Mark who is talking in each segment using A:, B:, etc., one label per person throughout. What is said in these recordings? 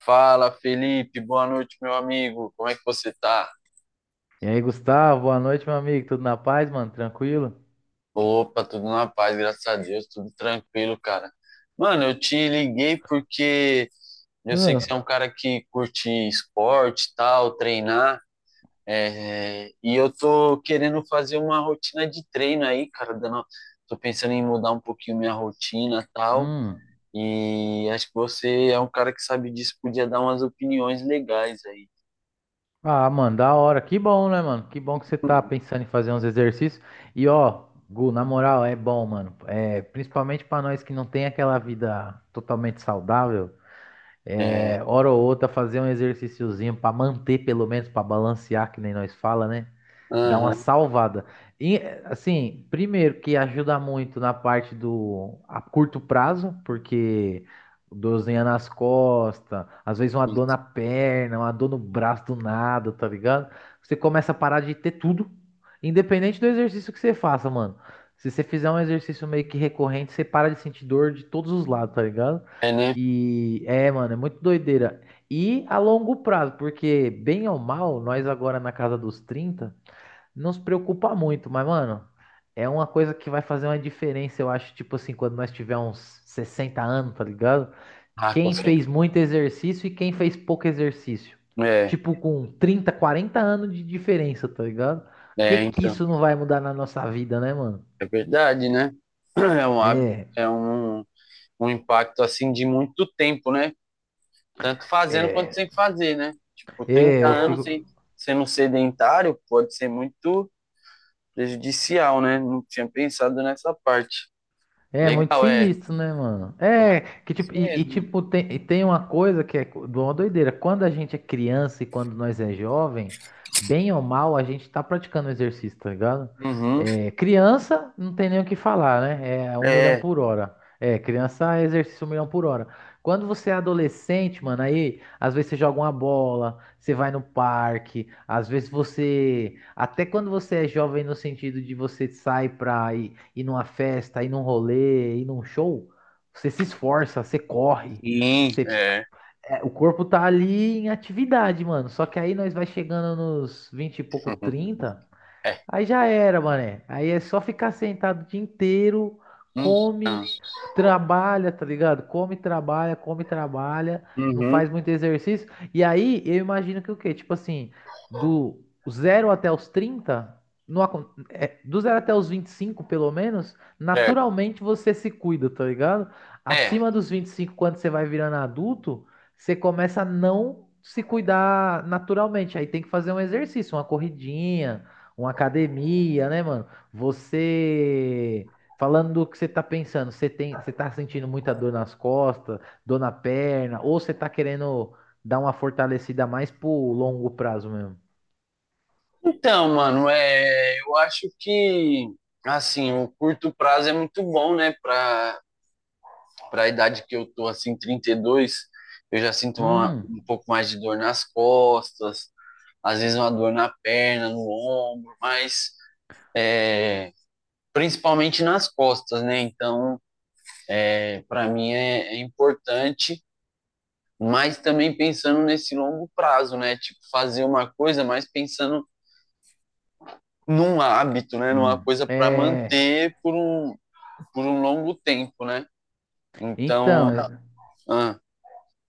A: Fala, Felipe, boa noite, meu amigo. Como é que você tá?
B: E aí, Gustavo, boa noite, meu amigo. Tudo na paz, mano? Tranquilo?
A: Opa, tudo na paz, graças a Deus, tudo tranquilo, cara. Mano, eu te liguei porque eu sei que
B: Ah,
A: você é um cara que curte esporte, e tal, treinar, e eu tô querendo fazer uma rotina de treino aí, cara, tô pensando em mudar um pouquinho minha rotina, e tal,
B: Hum.
A: e acho que você é um cara que sabe disso, podia dar umas opiniões legais aí.
B: Ah, mano, da hora. Que bom, né, mano? Que bom que você tá pensando em fazer uns exercícios. E ó, Gu, na moral, é bom, mano. É, principalmente pra nós que não tem aquela vida totalmente saudável,
A: É,
B: é, hora ou outra fazer um exercíciozinho pra manter, pelo menos, pra balancear, que nem nós fala, né? Dá uma
A: aham,
B: salvada. E, assim, primeiro que ajuda muito na parte do a curto prazo, porque dorzinha nas costas, às vezes uma dor
A: isso.
B: na perna, uma dor no braço do nada, tá ligado? Você começa a parar de ter tudo, independente do exercício que você faça, mano. Se você fizer um exercício meio que recorrente, você para de sentir dor de todos os lados, tá ligado?
A: É, né?
B: E é, mano, é muito doideira. E a longo prazo, porque bem ou mal, nós agora na casa dos 30 não se preocupa muito, mas, mano, é uma coisa que vai fazer uma diferença, eu acho, tipo assim, quando nós tiver uns 60 anos, tá ligado?
A: Ah, com
B: Quem fez
A: certeza.
B: muito exercício e quem fez pouco exercício.
A: É,
B: Tipo, com 30, 40 anos de diferença, tá ligado? Que
A: então,
B: isso não vai mudar na nossa vida, né, mano?
A: é verdade, né? É um, hábito-
B: É,
A: é um, um impacto, assim, de muito tempo, né? Tanto fazendo quanto
B: é,
A: sem fazer, né? Tipo,
B: é,
A: 30
B: eu
A: anos sem,
B: fico.
A: sendo sedentário pode ser muito prejudicial, né? Não tinha pensado nessa parte.
B: É muito
A: Legal, é.
B: sinistro, né, mano?
A: Eu acho
B: É, que
A: isso
B: tipo,
A: mesmo.
B: tem uma coisa que é de uma doideira. Quando a gente é criança e quando nós é jovem, bem ou mal, a gente tá praticando exercício, tá ligado?
A: Uhum.
B: É, criança, não tem nem o que falar, né? É um milhão
A: É,
B: por hora. É, criança é exercício um milhão por hora. Quando você é adolescente, mano, aí às vezes você joga uma bola, você vai no parque, às vezes você, até quando você é jovem no sentido de você sai pra ir numa festa, ir num rolê, ir num show, você se esforça, você corre,
A: sim,
B: você,
A: é.
B: o corpo tá ali em atividade, mano. Só que aí nós vai chegando nos 20 e pouco, 30.
A: É.
B: Aí já era, mané. Aí é só ficar sentado o dia inteiro,
A: Então,
B: come, trabalha, tá ligado? Come, trabalha, não
A: uhum.
B: faz muito exercício. E aí eu imagino que o quê? Tipo assim, do zero até os 30, não acon- é, do zero até os 25, pelo menos,
A: Certo.
B: naturalmente você se cuida, tá ligado?
A: É,
B: Acima dos 25, quando você vai virando adulto, você começa a não se cuidar naturalmente. Aí tem que fazer um exercício, uma corridinha uma academia, né, mano? Você. Falando do que você tá pensando, você tem, você tá sentindo muita dor nas costas, dor na perna, ou você tá querendo dar uma fortalecida mais pro longo prazo mesmo?
A: então, mano, eu acho que assim, o curto prazo é muito bom, né, para a idade que eu tô assim, 32, eu já sinto
B: Hum,
A: um pouco mais de dor nas costas, às vezes uma dor na perna, no ombro, mas principalmente nas costas, né? Então, é importante, mas também pensando nesse longo prazo, né? Tipo, fazer uma coisa, mas pensando num hábito, né? Numa coisa para
B: É,
A: manter por um longo tempo, né?
B: então,
A: Então, ah,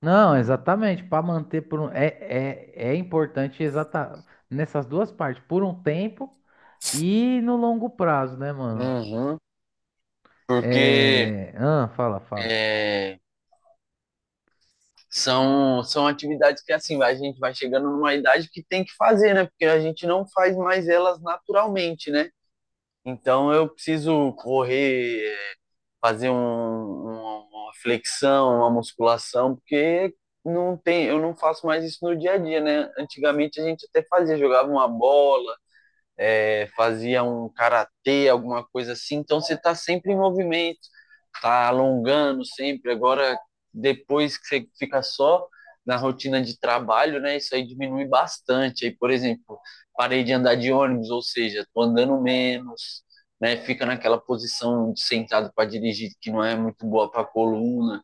B: não, exatamente, para manter por um, é importante exata nessas duas partes, por um tempo e no longo prazo, né, mano?
A: uhum, porque
B: É, ah, fala, fala.
A: é, são atividades que assim a gente vai chegando numa idade que tem que fazer, né? Porque a gente não faz mais elas naturalmente, né? Então eu preciso correr, é, fazer um- uma flexão, uma musculação, porque não tem, eu não faço mais isso no dia a dia, né? Antigamente a gente até fazia, jogava uma bola, é, fazia um karatê, alguma coisa assim. Então você está sempre em movimento, está alongando sempre. Agora, depois que você fica só na rotina de trabalho, né, isso aí diminui bastante. Aí, por exemplo, parei de andar de ônibus, ou seja, estou andando menos, né, fica naquela posição de sentado para dirigir que não é muito boa para a coluna.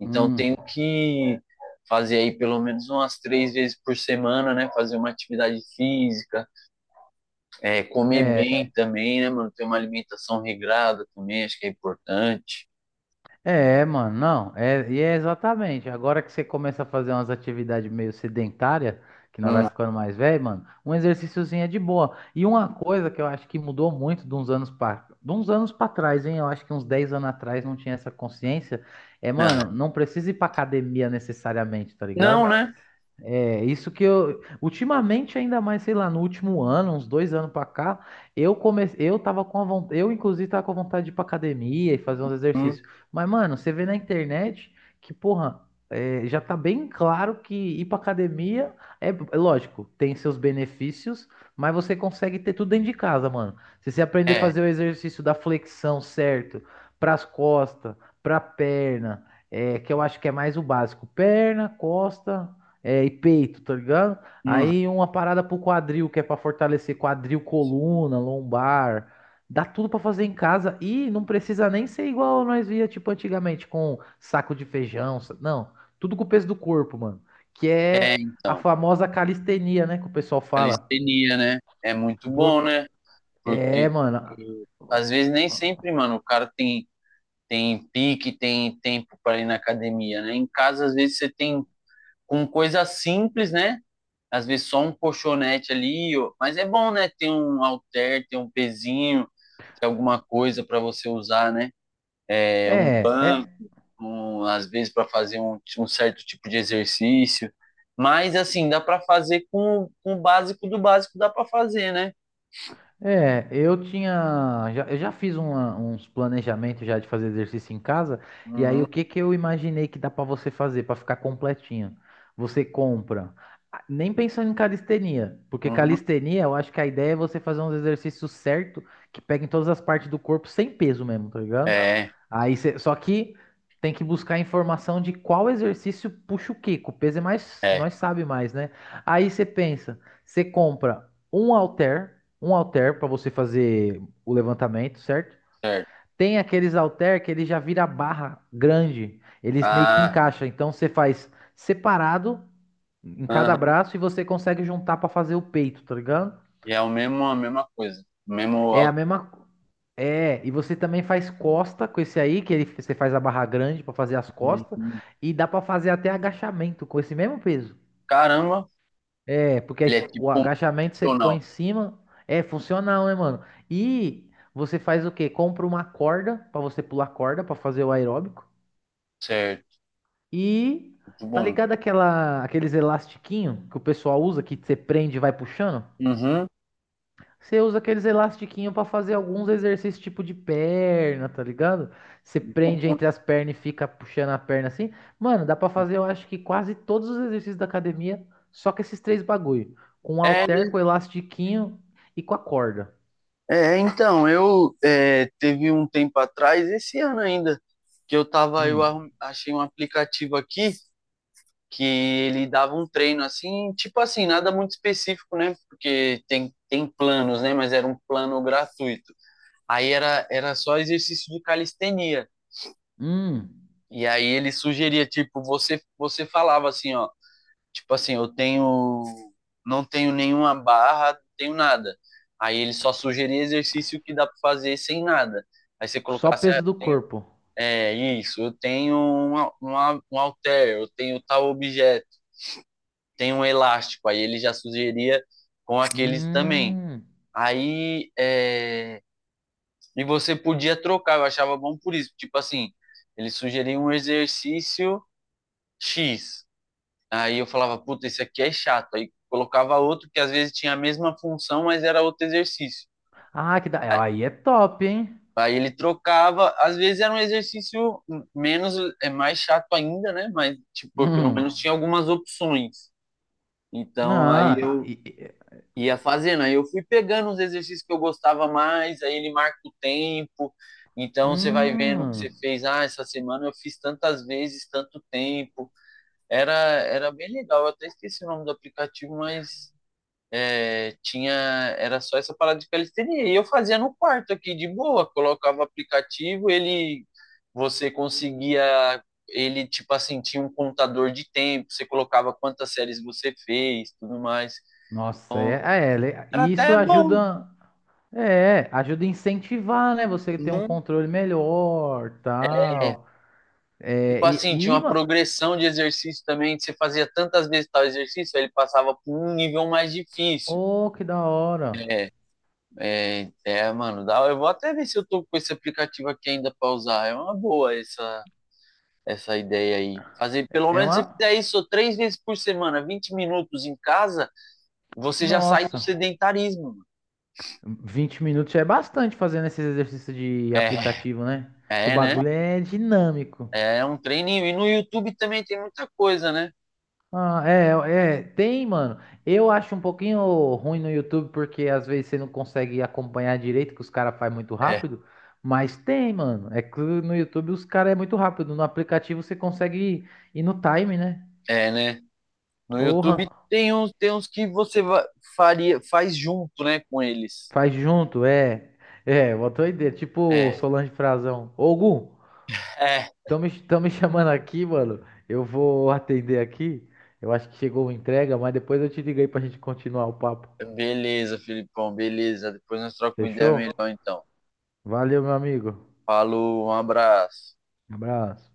A: Então
B: Hum.
A: tenho que fazer aí pelo menos umas 3 vezes por semana, né, fazer uma atividade física, é, comer
B: É.
A: bem também, né, mano? Ter uma alimentação regrada também, acho que é importante.
B: É, mano, não, é, e é exatamente. Agora que você começa a fazer umas atividades meio sedentária, que nós vai
A: Hum.
B: ficando mais velho, mano, um exercíciozinho é de boa. E uma coisa que eu acho que mudou muito de uns anos para trás, hein? Eu acho que uns 10 anos atrás não tinha essa consciência. É,
A: Ah,
B: mano, não precisa ir pra academia necessariamente, tá
A: não,
B: ligado?
A: né?
B: É, isso que eu. Ultimamente, ainda mais, sei lá, no último ano, uns 2 anos pra cá, eu comecei. Eu tava com a vontade. Eu, inclusive, tava com vontade de ir pra academia e fazer uns
A: Hum,
B: exercícios. Mas, mano, você vê na internet que, porra, é, já tá bem claro que ir pra academia é lógico, tem seus benefícios, mas você consegue ter tudo dentro de casa, mano. Se você aprender a
A: é,
B: fazer o exercício da flexão certo, pras costas, pra perna. É, que eu acho que é mais o básico. Perna, costa, é, e peito, tá ligado?
A: hum.
B: Aí uma parada pro quadril, que é pra fortalecer quadril, coluna, lombar. Dá tudo pra fazer em casa e não precisa nem ser igual nós via, tipo, antigamente, com saco de feijão. Não, tudo com o peso do corpo, mano. Que
A: É,
B: é a
A: então.
B: famosa calistenia, né? Que o pessoal fala.
A: Calistenia, né? É muito
B: Vo-
A: bom, né? Porque
B: É, mano.
A: e, às vezes nem sempre, mano, tem pique, tem tempo para ir na academia, né? Em casa, às vezes, você tem com coisa simples, né? Às vezes só um colchonete ali, ó. Mas é bom, né? Ter um halter, ter um pezinho, ter alguma coisa para você usar, né?
B: É, é,
A: Às vezes para fazer um certo tipo de exercício. Mas assim, dá para fazer com o básico do básico, dá para fazer, né?
B: É, eu já fiz uns planejamentos já de fazer exercício em casa, e aí
A: Uhum,
B: o que que eu imaginei que dá pra você fazer pra ficar completinho? Você compra, ah, nem pensando em calistenia, porque
A: uhum.
B: calistenia, eu acho que a ideia é você fazer uns exercícios certo que peguem todas as partes do corpo sem peso mesmo, tá ligado?
A: É,
B: Aí você, só que tem que buscar informação de qual exercício puxa o quê, que o peso é mais,
A: é,
B: nós sabe mais, né? Aí você pensa, você compra um halter para você fazer o levantamento, certo?
A: certo.
B: Tem aqueles halter que ele já vira barra grande, eles meio que
A: Ah,
B: encaixa, então você faz separado em cada
A: aham.
B: braço e você consegue juntar para fazer o peito, tá ligado?
A: E é o mesmo, a mesma coisa. O mesmo
B: É a
A: alto.
B: mesma e você também faz costa com esse aí, que ele, você faz a barra grande para fazer as costas, e dá para fazer até agachamento com esse mesmo peso.
A: Caramba,
B: É, porque aí
A: ele é
B: o
A: tipo
B: agachamento você põe
A: funcional.
B: em cima, é funcional, né, mano? E você faz o quê? Compra uma corda pra você pular corda pra fazer o aeróbico.
A: Certo,
B: E
A: muito
B: tá
A: bom.
B: ligado aquela aqueles elastiquinho que o pessoal usa que você prende e vai puxando?
A: Uhum.
B: Você usa aqueles elastiquinhos pra fazer alguns exercícios tipo de perna, tá ligado? Você prende entre as pernas e fica puxando a perna assim. Mano, dá pra fazer, eu acho que quase todos os exercícios da academia, só com esses três bagulho. Com o
A: É,
B: halter, com o elastiquinho e com a corda.
A: então, teve um tempo atrás, esse ano ainda, que eu tava,
B: Hum.
A: achei um aplicativo aqui, que ele dava um treino assim, tipo assim, nada muito específico, né? Porque tem planos, né? Mas era um plano gratuito. Aí era só exercício de calistenia.
B: Hum.
A: E aí ele sugeria, tipo, você falava assim, ó, tipo assim, eu tenho, não tenho nenhuma barra, não tenho nada. Aí ele só sugeria exercício que dá para fazer sem nada. Aí você
B: Só
A: colocasse, ah, eu
B: peso do
A: tenho,
B: corpo.
A: é isso, um halter, eu tenho tal objeto, tem um elástico, aí ele já sugeria com aqueles também.
B: Hum.
A: Aí, é, e você podia trocar, eu achava bom por isso. Tipo assim, ele sugeria um exercício X. Aí eu falava, puta, esse aqui é chato. Aí colocava outro que às vezes tinha a mesma função, mas era outro exercício.
B: Ah, aí é top, hein?
A: Aí ele trocava, às vezes era menos, é mais chato ainda, né? Mas, tipo, pelo menos
B: Hum.
A: tinha algumas opções. Então, aí
B: Não.
A: eu ia fazendo. Aí eu fui pegando os exercícios que eu gostava mais, aí ele marca o tempo. Então você vai vendo o que você
B: Hum.
A: fez. Ah, essa semana eu fiz tantas vezes, tanto tempo. Era bem legal. Eu até esqueci o nome do aplicativo, mas é, tinha era só essa parada de calistenia. E eu fazia no quarto aqui de boa. Colocava o aplicativo, ele você conseguia ele tipo assim tinha um contador de tempo. Você colocava quantas séries você fez, tudo mais.
B: Nossa,
A: Então era
B: isso
A: até bom,
B: ajuda. É, ajuda a incentivar, né? Você ter um
A: né?
B: controle melhor, tal. É,
A: Tipo assim, tinha
B: e, e,
A: uma
B: ma-
A: progressão de exercício também, que você fazia tantas vezes tal exercício, aí ele passava por um nível mais difícil.
B: oh, que da hora.
A: É, mano, dá, eu vou até ver se eu tô com esse aplicativo aqui ainda pra usar. É uma boa essa ideia aí. Fazer, pelo
B: É
A: menos se
B: uma,
A: fizer isso 3 vezes por semana, 20 minutos em casa, você já sai do
B: Nossa,
A: sedentarismo, mano.
B: 20 minutos já é bastante fazendo esses exercícios de
A: É,
B: aplicativo, né? Que o
A: né?
B: bagulho é dinâmico.
A: É um treininho. E no YouTube também tem muita coisa, né?
B: Ah, tem, mano. Eu acho um pouquinho ruim no YouTube porque às vezes você não consegue acompanhar direito, que os caras fazem muito
A: É,
B: rápido. Mas tem, mano. É que no YouTube os caras é muito rápido. No aplicativo você consegue ir no time, né?
A: né? No YouTube
B: Porra,
A: tem uns que você faria, faz junto, né, com eles.
B: faz junto, é. É, uma doideira. Tipo
A: É,
B: Solange Frazão. Ô, Gu,
A: é.
B: tão me chamando aqui, mano. Eu vou atender aqui. Eu acho que chegou a entrega, mas depois eu te ligo aí pra gente continuar o papo.
A: Beleza, Filipão, beleza. Depois nós trocamos uma ideia
B: Fechou?
A: melhor, então.
B: Valeu, meu amigo.
A: Falou, um abraço.
B: Abraço.